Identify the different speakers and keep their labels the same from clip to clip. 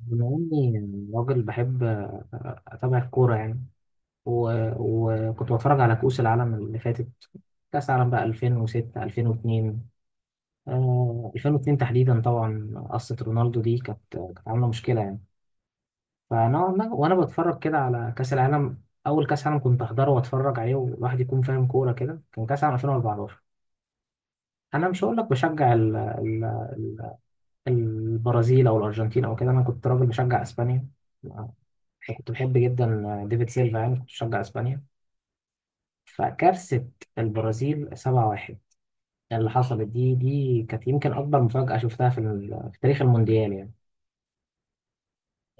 Speaker 1: بما إني راجل بحب أتابع الكورة يعني. و- وكنت بتفرج على كؤوس العالم اللي فاتت. كأس العالم بقى 2006، 2002. آه، 2002 تحديدا، طبعا قصة رونالدو دي كانت عاملة مشكلة يعني. فنوعا ما وأنا بتفرج كده على كأس العالم، أول كأس عالم كنت أحضره وأتفرج عليه والواحد يكون فاهم كورة كده، كان كأس العالم 2014. أنا مش هقول لك بشجع البرازيل او الارجنتين او كده، انا كنت راجل بشجع اسبانيا، كنت بحب جدا ديفيد سيلفا يعني كنت بشجع اسبانيا. فكارثة البرازيل 7-1 اللي حصلت دي كانت يمكن اكبر مفاجأة شفتها في تاريخ المونديال يعني.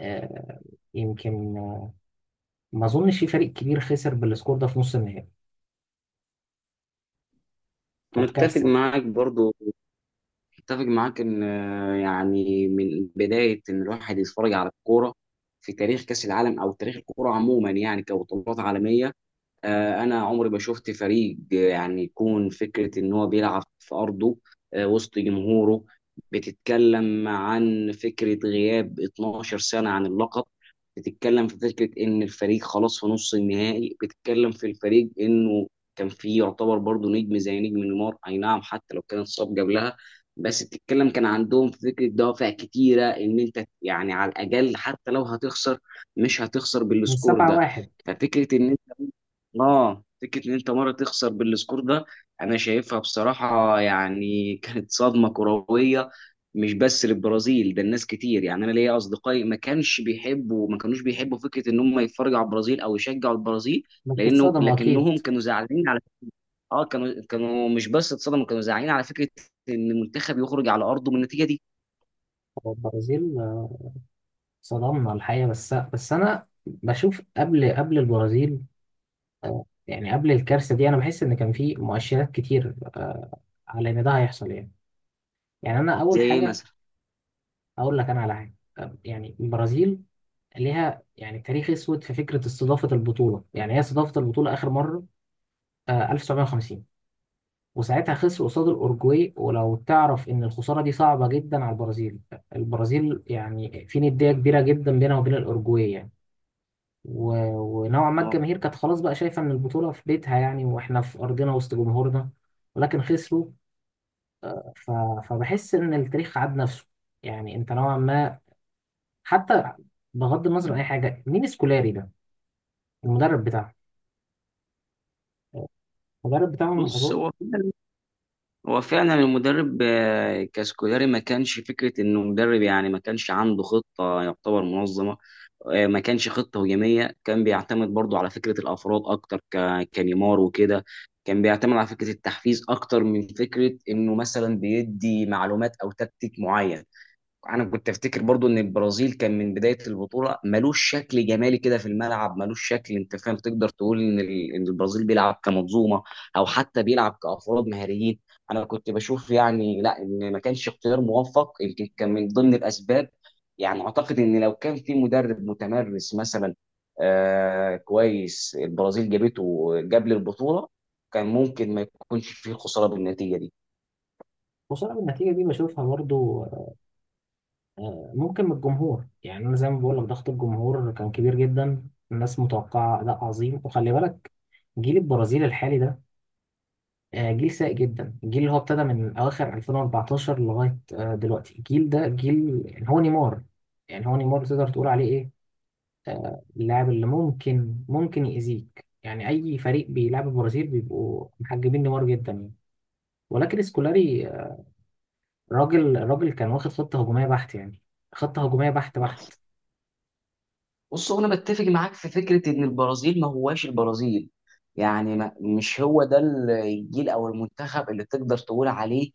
Speaker 1: آه، يمكن. ما اظنش في فريق كبير خسر بالسكور ده في نص النهائي، كانت
Speaker 2: متفق
Speaker 1: كارثة.
Speaker 2: معاك برضو. متفق معاك ان يعني من بدايه ان الواحد يتفرج على الكوره في تاريخ كاس العالم او تاريخ الكوره عموما، يعني كبطولات عالميه. انا عمري ما شفت فريق يعني يكون فكره ان هو بيلعب في ارضه وسط جمهوره. بتتكلم عن فكره غياب 12 سنه عن اللقب، بتتكلم في فكره ان الفريق خلاص في نص النهائي، بتتكلم في الفريق انه كان فيه يعتبر برضه نجم زي نجم نيمار، اي نعم حتى لو كان اتصاب قبلها، بس بتتكلم كان عندهم في فكره دوافع كتيره ان انت يعني على الاقل حتى لو هتخسر، مش هتخسر
Speaker 1: من
Speaker 2: بالسكور ده.
Speaker 1: 7-1.
Speaker 2: ففكره ان اه فكره ان انت مره تخسر بالسكور ده انا شايفها بصراحه يعني كانت صدمه كرويه، مش بس للبرازيل، ده الناس كتير. يعني انا ليا اصدقائي ما كانوش بيحبوا فكره ان هم يتفرجوا على البرازيل او يشجعوا البرازيل.
Speaker 1: بس اتصدموا اكيد.
Speaker 2: لكنهم كانوا زعلانين على، كانوا مش بس اتصدموا، كانوا زعلانين على فكره ان المنتخب يخرج على ارضه من النتيجه دي.
Speaker 1: هو البرازيل، صدمنا الحقيقة. بس انا بشوف قبل البرازيل، يعني قبل الكارثة دي، أنا بحس إن كان في مؤشرات كتير، على إن ده هيحصل يعني. يعني أنا أول
Speaker 2: زي ايه
Speaker 1: حاجة
Speaker 2: مثلا؟
Speaker 1: أقول لك أنا على حاجة، يعني البرازيل ليها يعني تاريخ أسود في فكرة استضافة البطولة. يعني هي استضافت البطولة آخر مرة 1950، وساعتها خسر قصاد الأورجواي، ولو تعرف إن الخسارة دي صعبة جدا على البرازيل. البرازيل يعني في ندية كبيرة جدا بينها وبين الأورجواي يعني. ونوعا ما
Speaker 2: هو
Speaker 1: الجماهير كانت خلاص بقى شايفة إن البطولة في بيتها، يعني وإحنا في أرضنا وسط جمهورنا، ولكن خسروا. ف- فبحس ان التاريخ عاد نفسه يعني. انت نوعا ما حتى، بغض النظر عن اي حاجه، مين سكولاري ده؟ المدرب بتاعهم. المدرب بتاعهم
Speaker 2: بص،
Speaker 1: أظن-
Speaker 2: هو فعلا المدرب كاسكولاري ما كانش فكرة انه مدرب، يعني ما كانش عنده خطة يعتبر منظمة. ما كانش خطة هجومية، كان بيعتمد برضو على فكرة الافراد اكتر كنيمار وكده. كان بيعتمد على فكرة التحفيز اكتر من فكرة انه مثلا بيدي معلومات او تكتيك معين. انا كنت افتكر برضو ان البرازيل كان من بدايه البطوله ملوش شكل جمالي كده في الملعب، ملوش شكل، انت فاهم، تقدر تقول ان ان البرازيل بيلعب كمنظومه او حتى بيلعب كافراد مهاريين. انا كنت بشوف يعني لا، ان ما كانش اختيار موفق يمكن كان من ضمن الاسباب. يعني اعتقد ان لو كان في مدرب متمرس مثلا، آه كويس البرازيل جابته قبل البطوله، كان ممكن ما يكونش فيه خساره بالنتيجه دي.
Speaker 1: وصلنا بالنتيجه دي، بشوفها برضو. ممكن من الجمهور، يعني انا زي ما بقول لك ضغط الجمهور كان كبير جدا، الناس متوقعه اداء عظيم. وخلي بالك جيل البرازيل الحالي ده، جيل سيء جدا. الجيل اللي هو ابتدى من اواخر 2014 لغايه دلوقتي، الجيل ده جيل يعني هو نيمار. تقدر تقول عليه إيه، اللاعب اللي ممكن يأذيك يعني. أي فريق بيلعب البرازيل بيبقوا محجبين نيمار جدا يعني. ولكن سكولاري راجل كان واخد خطة هجومية بحت يعني، خطة هجومية بحت بحت.
Speaker 2: بص هو انا بتفق معاك في فكره ان البرازيل ما هواش البرازيل. يعني ما مش هو ده الجيل او المنتخب اللي تقدر تقول عليه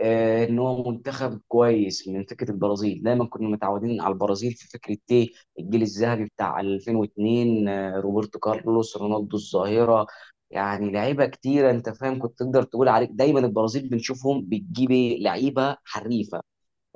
Speaker 2: ان هو منتخب كويس. من فكره البرازيل دايما كنا متعودين على البرازيل في فكره ايه، الجيل الذهبي بتاع 2002، روبرتو كارلوس، رونالدو الظاهره، يعني لعيبه كتيره، انت فاهم، كنت تقدر تقول عليك دايما البرازيل بنشوفهم بتجيب إيه؟ لعيبه حريفه،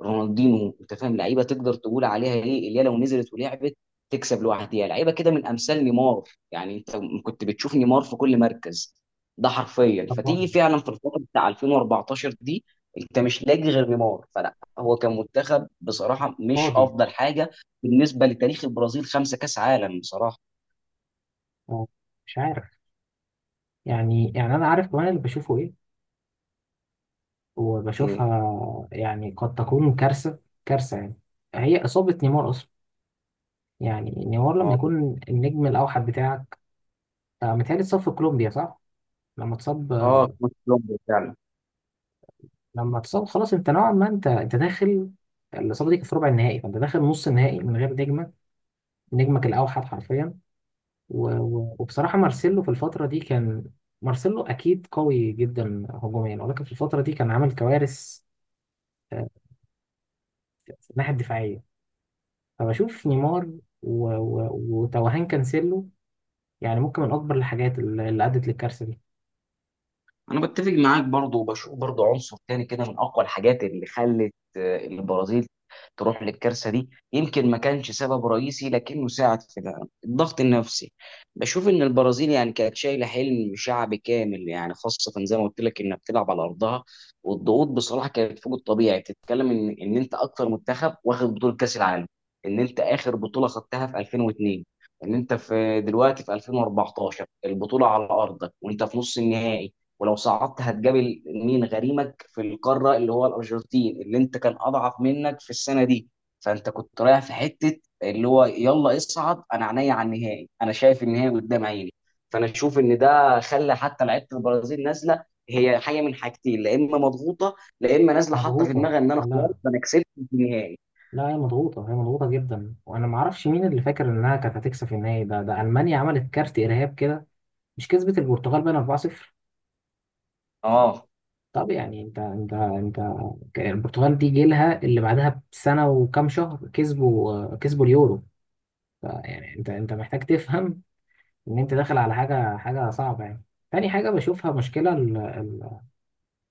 Speaker 2: رونالدينو، انت فاهم، لعيبه تقدر تقول عليها ايه، اللي هي لو نزلت ولعبت تكسب لوحدها. لعيبه كده من امثال نيمار يعني، انت كنت بتشوف نيمار في كل مركز، ده حرفيا فتيجي
Speaker 1: طبقا.
Speaker 2: فعلا في الفتره بتاع 2014 دي انت مش لاقي غير نيمار. فلا، هو كان منتخب بصراحه مش
Speaker 1: فاضي.
Speaker 2: افضل حاجه بالنسبه لتاريخ البرازيل، خمسه كاس عالم بصراحه.
Speaker 1: هو مش عارف. يعني أنا عارف كمان اللي بشوفه إيه
Speaker 2: ايه.
Speaker 1: وبشوفها. يعني قد تكون كارثة، كارثة يعني. هي إصابة نيمار أصلا، يعني نيمار لما
Speaker 2: اه.
Speaker 1: يكون النجم الأوحد بتاعك. متهيألي اتصاب في كولومبيا صح؟ لما اتصاب
Speaker 2: اه، كولومبيا فعلا.
Speaker 1: لما تصاب خلاص، انت نوعا ما، انت داخل. الاصابه دي كانت في ربع النهائي، فانت داخل نص النهائي من غير نجمك، نجمك الاوحد حرفيا. وبصراحه مارسيلو في الفتره دي كان، مارسيلو اكيد قوي جدا هجوميا، ولكن في الفتره دي كان عامل كوارث آه، في الناحيه الدفاعيه. فبشوف نيمار وتوهان كانسيلو، يعني ممكن من اكبر الحاجات اللي ادت للكارثه دي.
Speaker 2: انا بتفق معاك برضو، وبشوف برضو عنصر تاني كده من اقوى الحاجات اللي خلت البرازيل تروح للكارثه دي، يمكن ما كانش سبب رئيسي لكنه ساعد في ده، الضغط النفسي. بشوف ان البرازيل يعني كانت شايله حلم شعب كامل، يعني خاصه زي ما قلت لك انها بتلعب على ارضها، والضغوط بصراحه كانت فوق الطبيعي. بتتكلم ان انت اكتر منتخب واخد بطوله كاس العالم، ان انت اخر بطوله خدتها في 2002، ان انت في دلوقتي في 2014 البطوله على ارضك وانت في نص النهائي، ولو صعدت هتقابل مين، غريمك في القاره اللي هو الارجنتين اللي انت كان اضعف منك في السنه دي. فانت كنت رايح في حته اللي هو يلا اصعد، انا عينيا على النهائي، انا شايف النهائي قدام عيني. فانا اشوف ان ده خلى حتى لعيبه البرازيل نازله. هي حاجه من حاجتين، لا اما مضغوطه، لا اما نازله حاطه في
Speaker 1: مضغوطه.
Speaker 2: دماغها ان انا خلاص
Speaker 1: لا،
Speaker 2: انا كسبت في النهائي.
Speaker 1: لا، هي مضغوطه جدا. وانا ما اعرفش مين اللي فاكر انها كانت هتكسب النهائي ده. ده المانيا عملت كارت ارهاب كده، مش كسبت البرتغال بقى 4-0؟
Speaker 2: اه،
Speaker 1: طب يعني انت، البرتغال دي جيلها اللي بعدها بسنة وكام شهر كسبوا اليورو. يعني انت محتاج تفهم ان انت داخل على حاجة صعبة يعني. تاني حاجة بشوفها مشكلة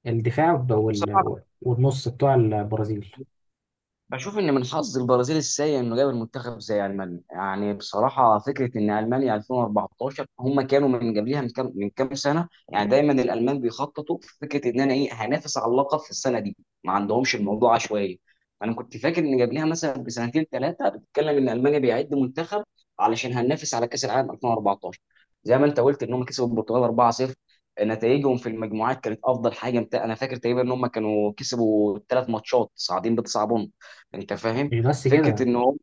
Speaker 1: الدفاع
Speaker 2: بصراحه
Speaker 1: والنص بتوع البرازيل.
Speaker 2: بشوف ان من حظ البرازيل السيء انه قابل منتخب زي المانيا. يعني بصراحه فكره ان المانيا 2014 هم كانوا من قبلها من كام سنه، يعني دايما الالمان بيخططوا في فكره ان انا ايه، هنافس على اللقب في السنه دي. ما عندهمش الموضوع عشوائي. انا كنت فاكر ان قبلها مثلا بسنتين ثلاثه بتتكلم ان المانيا بيعد منتخب علشان هننافس على كاس العالم 2014. زي ما انت قلت ان هم كسبوا البرتغال 4-0، نتائجهم في المجموعات كانت افضل حاجه، انا فاكر تقريبا ان هم كانوا كسبوا ثلاث ماتشات صاعدين بتسع، انت فاهم،
Speaker 1: مش بس
Speaker 2: فكره
Speaker 1: كده،
Speaker 2: ان هم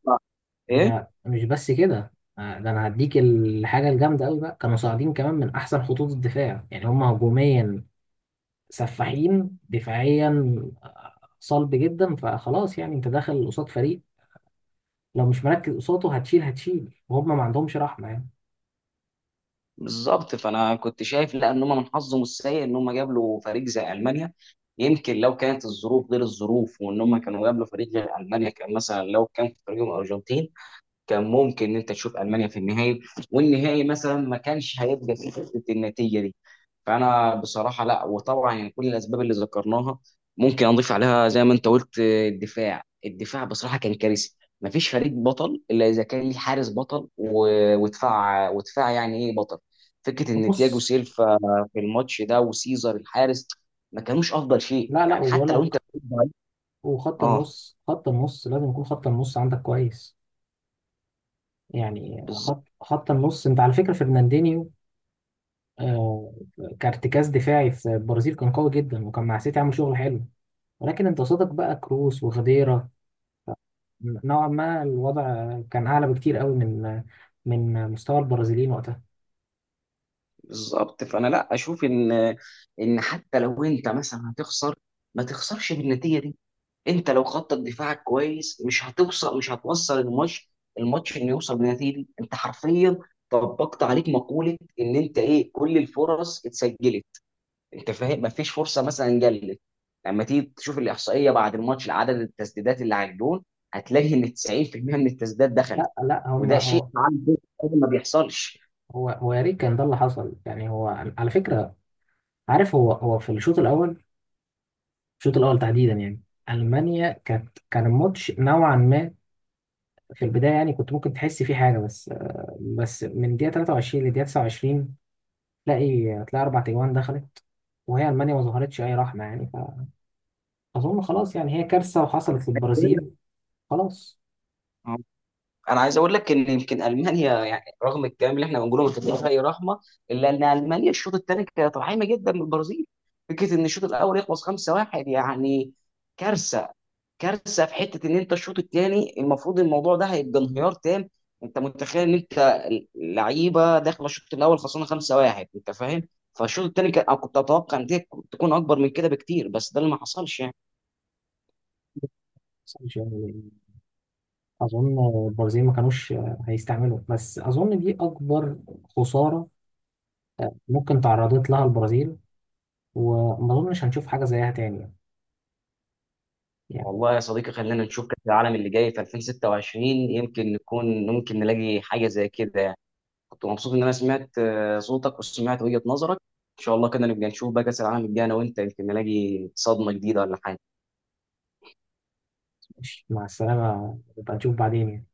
Speaker 2: ايه.
Speaker 1: ده مش بس كده. ده انا هديك الحاجة الجامدة قوي بقى، كانوا صاعدين كمان من احسن خطوط الدفاع، يعني هم هجوميا سفاحين، دفاعيا صلب جدا. فخلاص يعني انت داخل قصاد فريق، لو مش مركز قصاده هتشيل، وهم ما عندهمش رحمه يعني.
Speaker 2: بالظبط. فانا كنت شايف لا، ان هم من حظهم السيء ان هم قابلوا فريق زي المانيا. يمكن لو كانت الظروف غير الظروف وان هم كانوا قابلوا فريق غير المانيا، كان مثلا لو كان في فريقهم ارجنتين، كان ممكن ان انت تشوف المانيا في النهائي، والنهائي مثلا ما كانش هيبقى فيه فكره النتيجه دي. فانا بصراحه لا، وطبعا يعني كل الاسباب اللي ذكرناها ممكن اضيف عليها زي ما انت قلت الدفاع، الدفاع بصراحه كان كارثي. ما فيش فريق بطل الا اذا كان ليه حارس بطل ودفاع يعني ايه بطل. فكره ان تياجو
Speaker 1: نص.
Speaker 2: سيلفا في الماتش ده وسيزر الحارس ما كانوش افضل شيء،
Speaker 1: لا، لا،
Speaker 2: يعني
Speaker 1: وبقول
Speaker 2: حتى لو انت.
Speaker 1: لك، وخط
Speaker 2: اه
Speaker 1: النص خط النص لازم يكون خط النص عندك كويس. يعني خط
Speaker 2: بالظبط.
Speaker 1: خط النص، انت على فكره فرناندينيو، آه، كارتكاز دفاعي في البرازيل كان قوي جدا، وكان مع سيتي عامل شغل حلو، ولكن انت قصادك بقى كروس وخديرة. نوعا ما الوضع كان اعلى بكتير قوي من مستوى البرازيليين وقتها.
Speaker 2: بالظبط فانا لا اشوف ان ان حتى لو انت مثلا هتخسر، ما تخسرش بالنتيجه دي. انت لو خطط دفاعك كويس، مش هتوصل الماتش، الماتش انه يوصل بالنتيجه دي. انت حرفيا طبقت عليك مقوله ان انت ايه، كل الفرص اتسجلت، انت فاهم، ما فيش فرصه مثلا جلت. لما تيجي تشوف الاحصائيه بعد الماتش لعدد التسديدات اللي على الجون، هتلاقي ان 90% من التسديدات دخلت،
Speaker 1: لا، لا. هم
Speaker 2: وده شيء
Speaker 1: هو
Speaker 2: عام ما بيحصلش.
Speaker 1: هو هو يا ريت كان ده اللي حصل يعني. هو على فكره، عارف، هو في الشوط الاول، الشوط الاول تحديدا يعني. المانيا كان الماتش نوعا ما في البدايه، يعني كنت ممكن تحس فيه حاجه. بس من دقيقه 23 لدقيقه 29 تلاقي اربع تجوان دخلت، وهي المانيا ما ظهرتش اي رحمه يعني. فاظن خلاص يعني هي كارثه وحصلت للبرازيل. خلاص.
Speaker 2: انا عايز اقول لك ان يمكن المانيا يعني رغم الكلام اللي احنا بنقوله مش بتديها اي رحمه، الا ان المانيا الشوط الثاني كانت رحيمه جدا من البرازيل. فكره ان الشوط الاول يخلص 5-1 يعني كارثه، كارثه في حته ان انت الشوط الثاني المفروض الموضوع ده هيبقى انهيار تام. انت متخيل ان انت لعيبه داخله الشوط الاول خسرانه 5-1، انت فاهم، فالشوط الثاني كان، أنا كنت اتوقع ان دي تكون اكبر من كده بكتير، بس ده اللي ما حصلش يعني.
Speaker 1: يعني، اظن البرازيل ما كانوش هيستعملوا، بس اظن دي اكبر خساره ممكن تعرضت لها البرازيل، وما أظنش هنشوف حاجة زيها تاني يعني.
Speaker 2: والله يا صديقي خلينا نشوف كأس العالم اللي جاي في 2026، يمكن نكون ممكن نلاقي حاجة زي كده يعني. كنت مبسوط إن أنا سمعت صوتك وسمعت وجهة نظرك. إن شاء الله كده نبقى نشوف بقى كأس العالم الجاي أنا وأنت، يمكن نلاقي صدمة جديدة ولا حاجة.
Speaker 1: مش، مع السلامة، نبقى نشوف بعدين يعني.